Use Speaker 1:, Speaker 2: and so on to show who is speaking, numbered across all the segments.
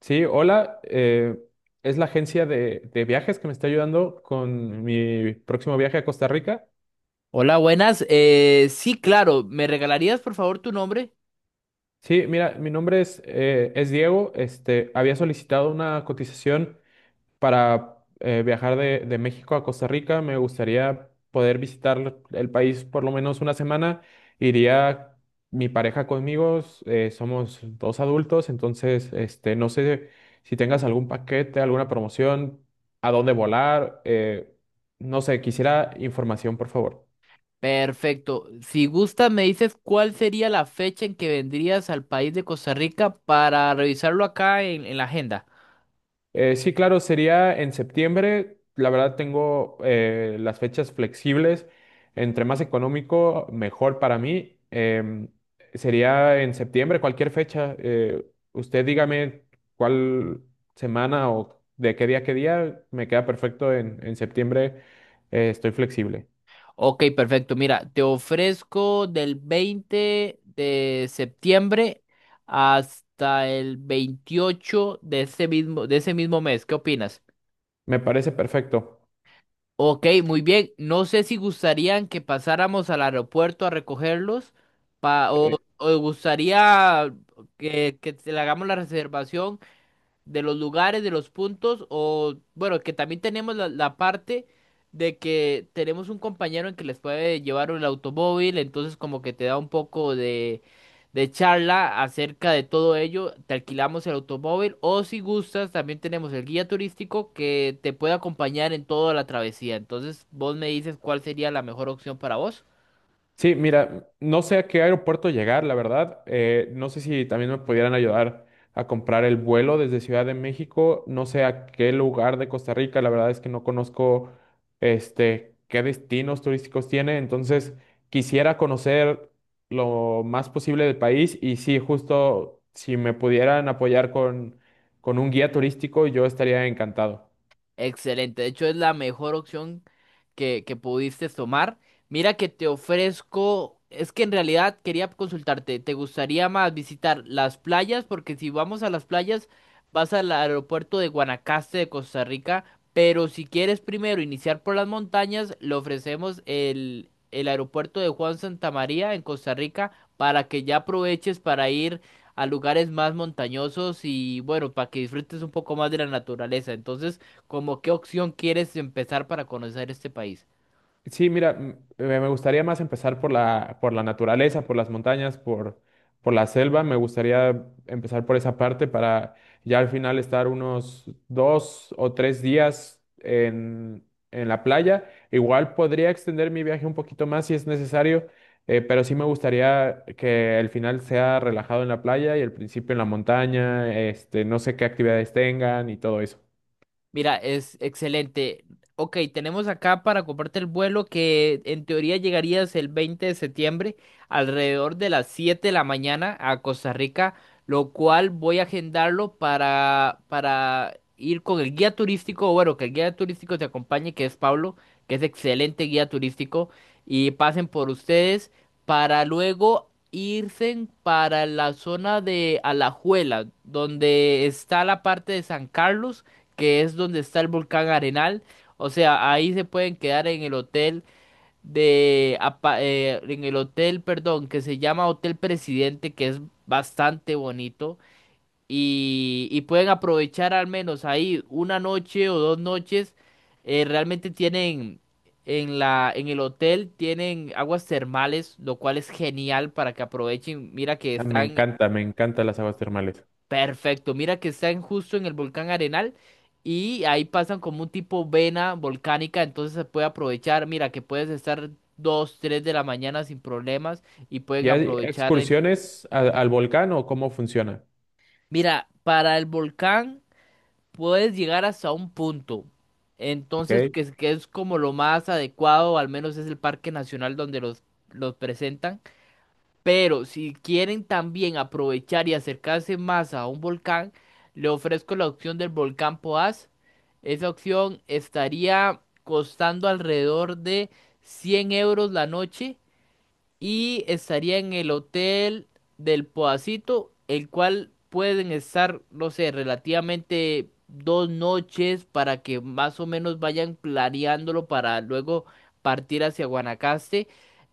Speaker 1: Sí, hola. Es la agencia de viajes que me está ayudando con mi próximo viaje a Costa Rica.
Speaker 2: Hola, buenas. Sí, claro. ¿Me regalarías por favor tu nombre?
Speaker 1: Sí, mira, mi nombre es Diego. Había solicitado una cotización para viajar de México a Costa Rica, me gustaría poder visitar el país por lo menos una semana. Iría mi pareja conmigo, somos dos adultos, entonces no sé si tengas algún paquete, alguna promoción, a dónde volar, no sé, quisiera información, por favor.
Speaker 2: Perfecto. Si gustas, me dices cuál sería la fecha en que vendrías al país de Costa Rica para revisarlo acá en la agenda.
Speaker 1: Sí, claro, sería en septiembre. La verdad tengo las fechas flexibles. Entre más económico, mejor para mí. Sería en septiembre, cualquier fecha. Usted dígame cuál semana o de qué día a qué día. Me queda perfecto en septiembre. Estoy flexible.
Speaker 2: Ok, perfecto. Mira, te ofrezco del 20 de septiembre hasta el 28 de ese mismo mes. ¿Qué opinas?
Speaker 1: Me parece perfecto.
Speaker 2: Ok, muy bien. No sé si gustarían que pasáramos al aeropuerto a recogerlos o gustaría que, le hagamos la reservación de los lugares, de los puntos, o bueno, que también tenemos la parte de que tenemos un compañero en que les puede llevar el automóvil, entonces como que te da un poco de charla acerca de todo ello, te alquilamos el automóvil, o si gustas, también tenemos el guía turístico que te puede acompañar en toda la travesía, entonces vos me dices cuál sería la mejor opción para vos.
Speaker 1: Sí, mira, no sé a qué aeropuerto llegar, la verdad. No sé si también me pudieran ayudar a comprar el vuelo desde Ciudad de México. No sé a qué lugar de Costa Rica. La verdad es que no conozco qué destinos turísticos tiene. Entonces, quisiera conocer lo más posible del país. Y sí, justo si me pudieran apoyar con un guía turístico, yo estaría encantado.
Speaker 2: Excelente, de hecho es la mejor opción que pudiste tomar. Mira que te ofrezco, es que en realidad quería consultarte, ¿te gustaría más visitar las playas? Porque si vamos a las playas, vas al aeropuerto de Guanacaste de Costa Rica, pero si quieres primero iniciar por las montañas, le ofrecemos el aeropuerto de Juan Santamaría en Costa Rica para que ya aproveches para ir a lugares más montañosos y bueno, para que disfrutes un poco más de la naturaleza. Entonces, ¿como qué opción quieres empezar para conocer este país?
Speaker 1: Sí, mira, me gustaría más empezar por por la naturaleza, por las montañas, por la selva. Me gustaría empezar por esa parte para ya al final estar unos 2 o 3 días en la playa. Igual podría extender mi viaje un poquito más si es necesario, pero sí me gustaría que el final sea relajado en la playa y el principio en la montaña, no sé qué actividades tengan y todo eso.
Speaker 2: Mira, es excelente. Ok, tenemos acá para comprarte el vuelo que en teoría llegarías el 20 de septiembre alrededor de las 7 de la mañana a Costa Rica, lo cual voy a agendarlo para ir con el guía turístico, o bueno, que el guía turístico te acompañe, que es Pablo, que es excelente guía turístico, y pasen por ustedes para luego irse para la zona de Alajuela, donde está la parte de San Carlos que es donde está el volcán Arenal. O sea, ahí se pueden quedar en el hotel de, en el hotel, perdón, que se llama Hotel Presidente, que es bastante bonito. Y pueden aprovechar al menos ahí una noche o dos noches. Realmente tienen en la, en el hotel tienen aguas termales, lo cual es genial para que aprovechen. Mira que
Speaker 1: Ah, me
Speaker 2: están
Speaker 1: encanta, me encantan las aguas termales.
Speaker 2: Perfecto, mira que están justo en el volcán Arenal y ahí pasan como un tipo vena volcánica, entonces se puede aprovechar, mira que puedes estar 2, 3 de la mañana sin problemas y
Speaker 1: ¿Y
Speaker 2: pueden
Speaker 1: hay
Speaker 2: aprovechar el...
Speaker 1: excursiones al volcán o cómo funciona?
Speaker 2: Mira, para el volcán puedes llegar hasta un punto, entonces
Speaker 1: ¿Ok?
Speaker 2: que, que es como lo más adecuado, al menos es el parque nacional donde los presentan. Pero si quieren también aprovechar y acercarse más a un volcán, le ofrezco la opción del volcán Poás. Esa opción estaría costando alrededor de 100 € la noche y estaría en el hotel del Podacito, el cual pueden estar, no sé, relativamente dos noches para que más o menos vayan planeándolo para luego partir hacia Guanacaste.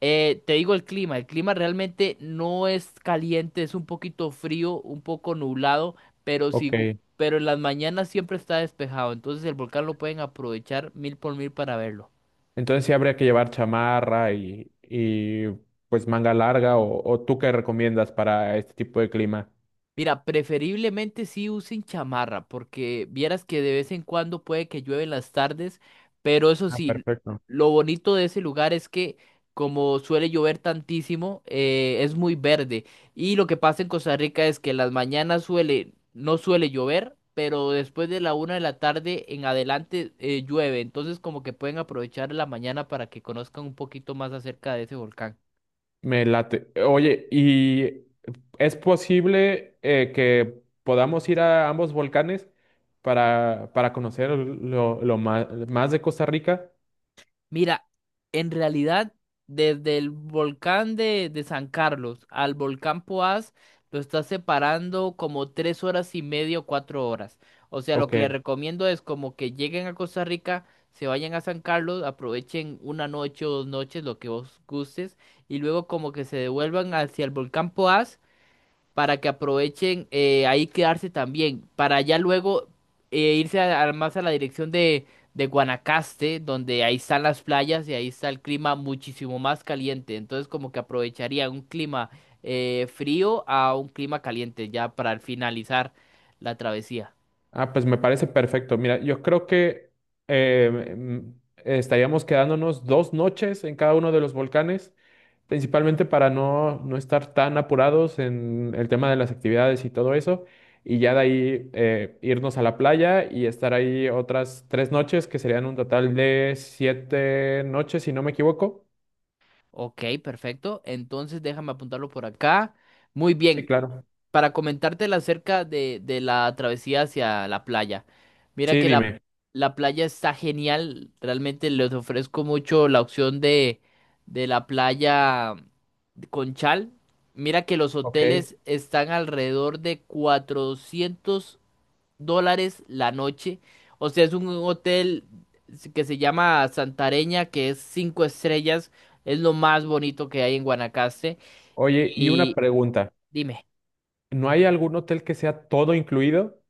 Speaker 2: Te digo el clima realmente no es caliente, es un poquito frío, un poco nublado, pero
Speaker 1: Ok.
Speaker 2: sí, pero en las mañanas siempre está despejado, entonces el volcán lo pueden aprovechar mil por mil para verlo.
Speaker 1: Entonces sí habría que llevar chamarra y pues manga larga o tú qué recomiendas para este tipo de clima.
Speaker 2: Mira, preferiblemente sí usen chamarra, porque vieras que de vez en cuando puede que llueve en las tardes, pero eso
Speaker 1: Ah,
Speaker 2: sí,
Speaker 1: perfecto.
Speaker 2: lo bonito de ese lugar es que como suele llover tantísimo, es muy verde. Y lo que pasa en Costa Rica es que en las mañanas suele, no suele llover, pero después de la 1 de la tarde en adelante llueve. Entonces como que pueden aprovechar la mañana para que conozcan un poquito más acerca de ese volcán.
Speaker 1: Me late. Oye, ¿y es posible que podamos ir a ambos volcanes para conocer más, de Costa Rica?
Speaker 2: Mira, en realidad, desde el volcán de San Carlos al volcán Poás, lo está separando como 3 horas y media o 4 horas. O sea, lo
Speaker 1: Ok.
Speaker 2: que les recomiendo es como que lleguen a Costa Rica, se vayan a San Carlos, aprovechen una noche o dos noches, lo que vos gustes, y luego como que se devuelvan hacia el volcán Poás para que aprovechen ahí quedarse también, para ya luego irse más a la dirección de Guanacaste, donde ahí están las playas y ahí está el clima muchísimo más caliente. Entonces como que aprovecharía un clima frío a un clima caliente ya para finalizar la travesía.
Speaker 1: Ah, pues me parece perfecto. Mira, yo creo que eh, mm, estaríamos quedándonos 2 noches en cada uno de los volcanes, principalmente para no estar tan apurados en el tema de las actividades y todo eso, y ya de ahí irnos a la playa y estar ahí otras 3 noches, que serían un total de 7 noches, si no me equivoco.
Speaker 2: Ok, perfecto. Entonces déjame apuntarlo por acá. Muy
Speaker 1: Sí,
Speaker 2: bien.
Speaker 1: claro.
Speaker 2: Para comentártela acerca de la travesía hacia la playa. Mira
Speaker 1: Sí,
Speaker 2: que la,
Speaker 1: dime.
Speaker 2: la playa está genial, realmente les ofrezco mucho la opción de la playa con chal. Mira que los
Speaker 1: Ok.
Speaker 2: hoteles están alrededor de $400 la noche. O sea, es un hotel que se llama Santareña, que es cinco estrellas, es lo más bonito que hay en Guanacaste.
Speaker 1: Oye, y una
Speaker 2: Y
Speaker 1: pregunta.
Speaker 2: dime.
Speaker 1: ¿No hay algún hotel que sea todo incluido?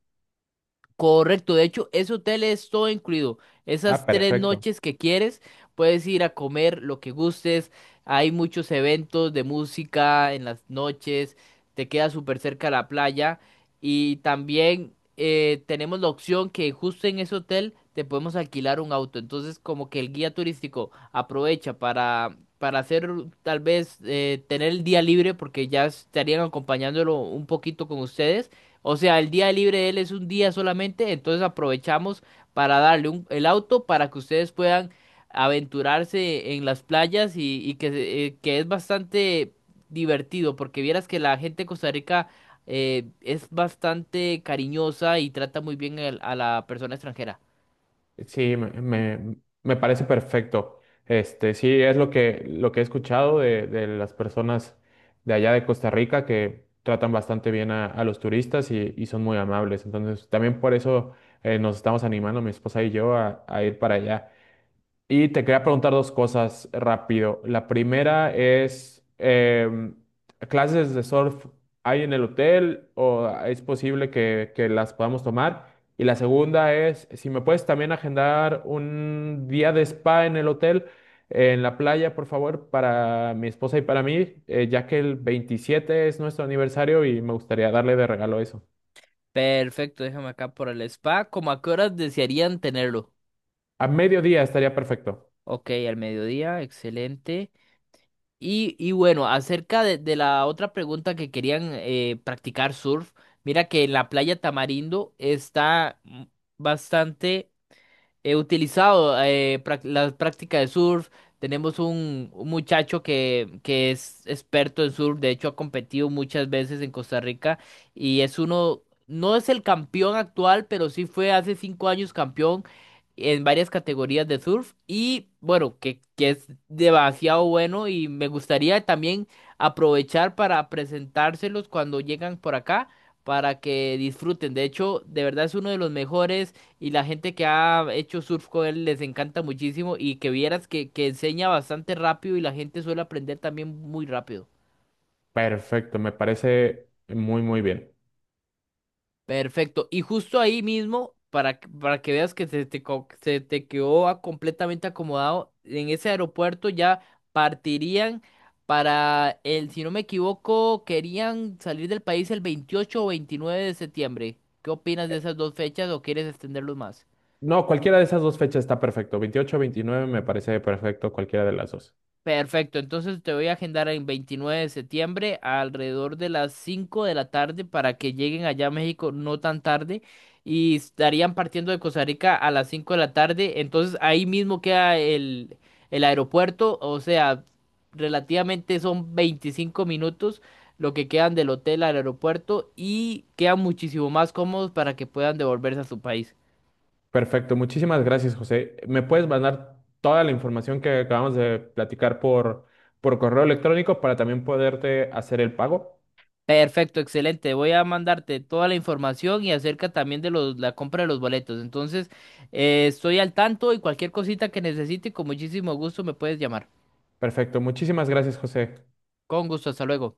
Speaker 2: Correcto, de hecho, ese hotel es todo incluido.
Speaker 1: Ah,
Speaker 2: Esas tres
Speaker 1: perfecto.
Speaker 2: noches que quieres, puedes ir a comer lo que gustes. Hay muchos eventos de música en las noches, te queda súper cerca la playa. Y también tenemos la opción que justo en ese hotel te podemos alquilar un auto. Entonces, como que el guía turístico aprovecha para hacer tal vez tener el día libre, porque ya estarían acompañándolo un poquito con ustedes, o sea, el día libre de él es un día solamente, entonces aprovechamos para darle el auto para que ustedes puedan aventurarse en las playas y que, que es bastante divertido, porque vieras que la gente de Costa Rica es bastante cariñosa y trata muy bien a la persona extranjera.
Speaker 1: Sí, me parece perfecto. Sí, es lo que he escuchado de las personas de allá de Costa Rica que tratan bastante bien a los turistas y son muy amables. Entonces, también por eso nos estamos animando, mi esposa y yo, a ir para allá. Y te quería preguntar dos cosas rápido. La primera es, ¿clases de surf hay en el hotel o es posible que las podamos tomar? Y la segunda es, si me puedes también agendar un día de spa en el hotel, en la playa, por favor, para mi esposa y para mí, ya que el 27 es nuestro aniversario y me gustaría darle de regalo eso.
Speaker 2: Perfecto, déjame acá por el spa. ¿Cómo a qué horas desearían tenerlo?
Speaker 1: A mediodía estaría perfecto.
Speaker 2: Ok, al mediodía, excelente. Y bueno, acerca de la otra pregunta que querían practicar surf, mira que en la playa Tamarindo está bastante... He utilizado la práctica de surf. Tenemos un muchacho que es experto en surf. De hecho, ha competido muchas veces en Costa Rica. Y es uno, no es el campeón actual, pero sí fue hace 5 años campeón en varias categorías de surf. Y bueno, que es demasiado bueno. Y me gustaría también aprovechar para presentárselos cuando llegan por acá, para que disfruten. De hecho, de verdad es uno de los mejores. Y la gente que ha hecho surf con él les encanta muchísimo y que vieras que enseña bastante rápido y la gente suele aprender también muy rápido.
Speaker 1: Perfecto, me parece muy, muy bien.
Speaker 2: Perfecto. Y justo ahí mismo, para, para que veas que se te, se te quedó completamente acomodado, en ese aeropuerto ya partirían para el, si no me equivoco, querían salir del país el 28 o 29 de septiembre. ¿Qué opinas de esas dos fechas o quieres extenderlos más?
Speaker 1: No, cualquiera de esas dos fechas está perfecto. 28, 29, me parece perfecto, cualquiera de las dos.
Speaker 2: Perfecto, entonces te voy a agendar en 29 de septiembre alrededor de las 5 de la tarde para que lleguen allá a México no tan tarde y estarían partiendo de Costa Rica a las 5 de la tarde, entonces ahí mismo queda el aeropuerto, o sea, relativamente son 25 minutos lo que quedan del hotel al aeropuerto y quedan muchísimo más cómodos para que puedan devolverse a su país.
Speaker 1: Perfecto, muchísimas gracias, José. ¿Me puedes mandar toda la información que acabamos de platicar por correo electrónico para también poderte hacer el pago?
Speaker 2: Perfecto, excelente. Voy a mandarte toda la información y acerca también de los, la compra de los boletos. Entonces, estoy al tanto y cualquier cosita que necesite, con muchísimo gusto me puedes llamar.
Speaker 1: Perfecto, muchísimas gracias, José.
Speaker 2: Con gusto, hasta luego.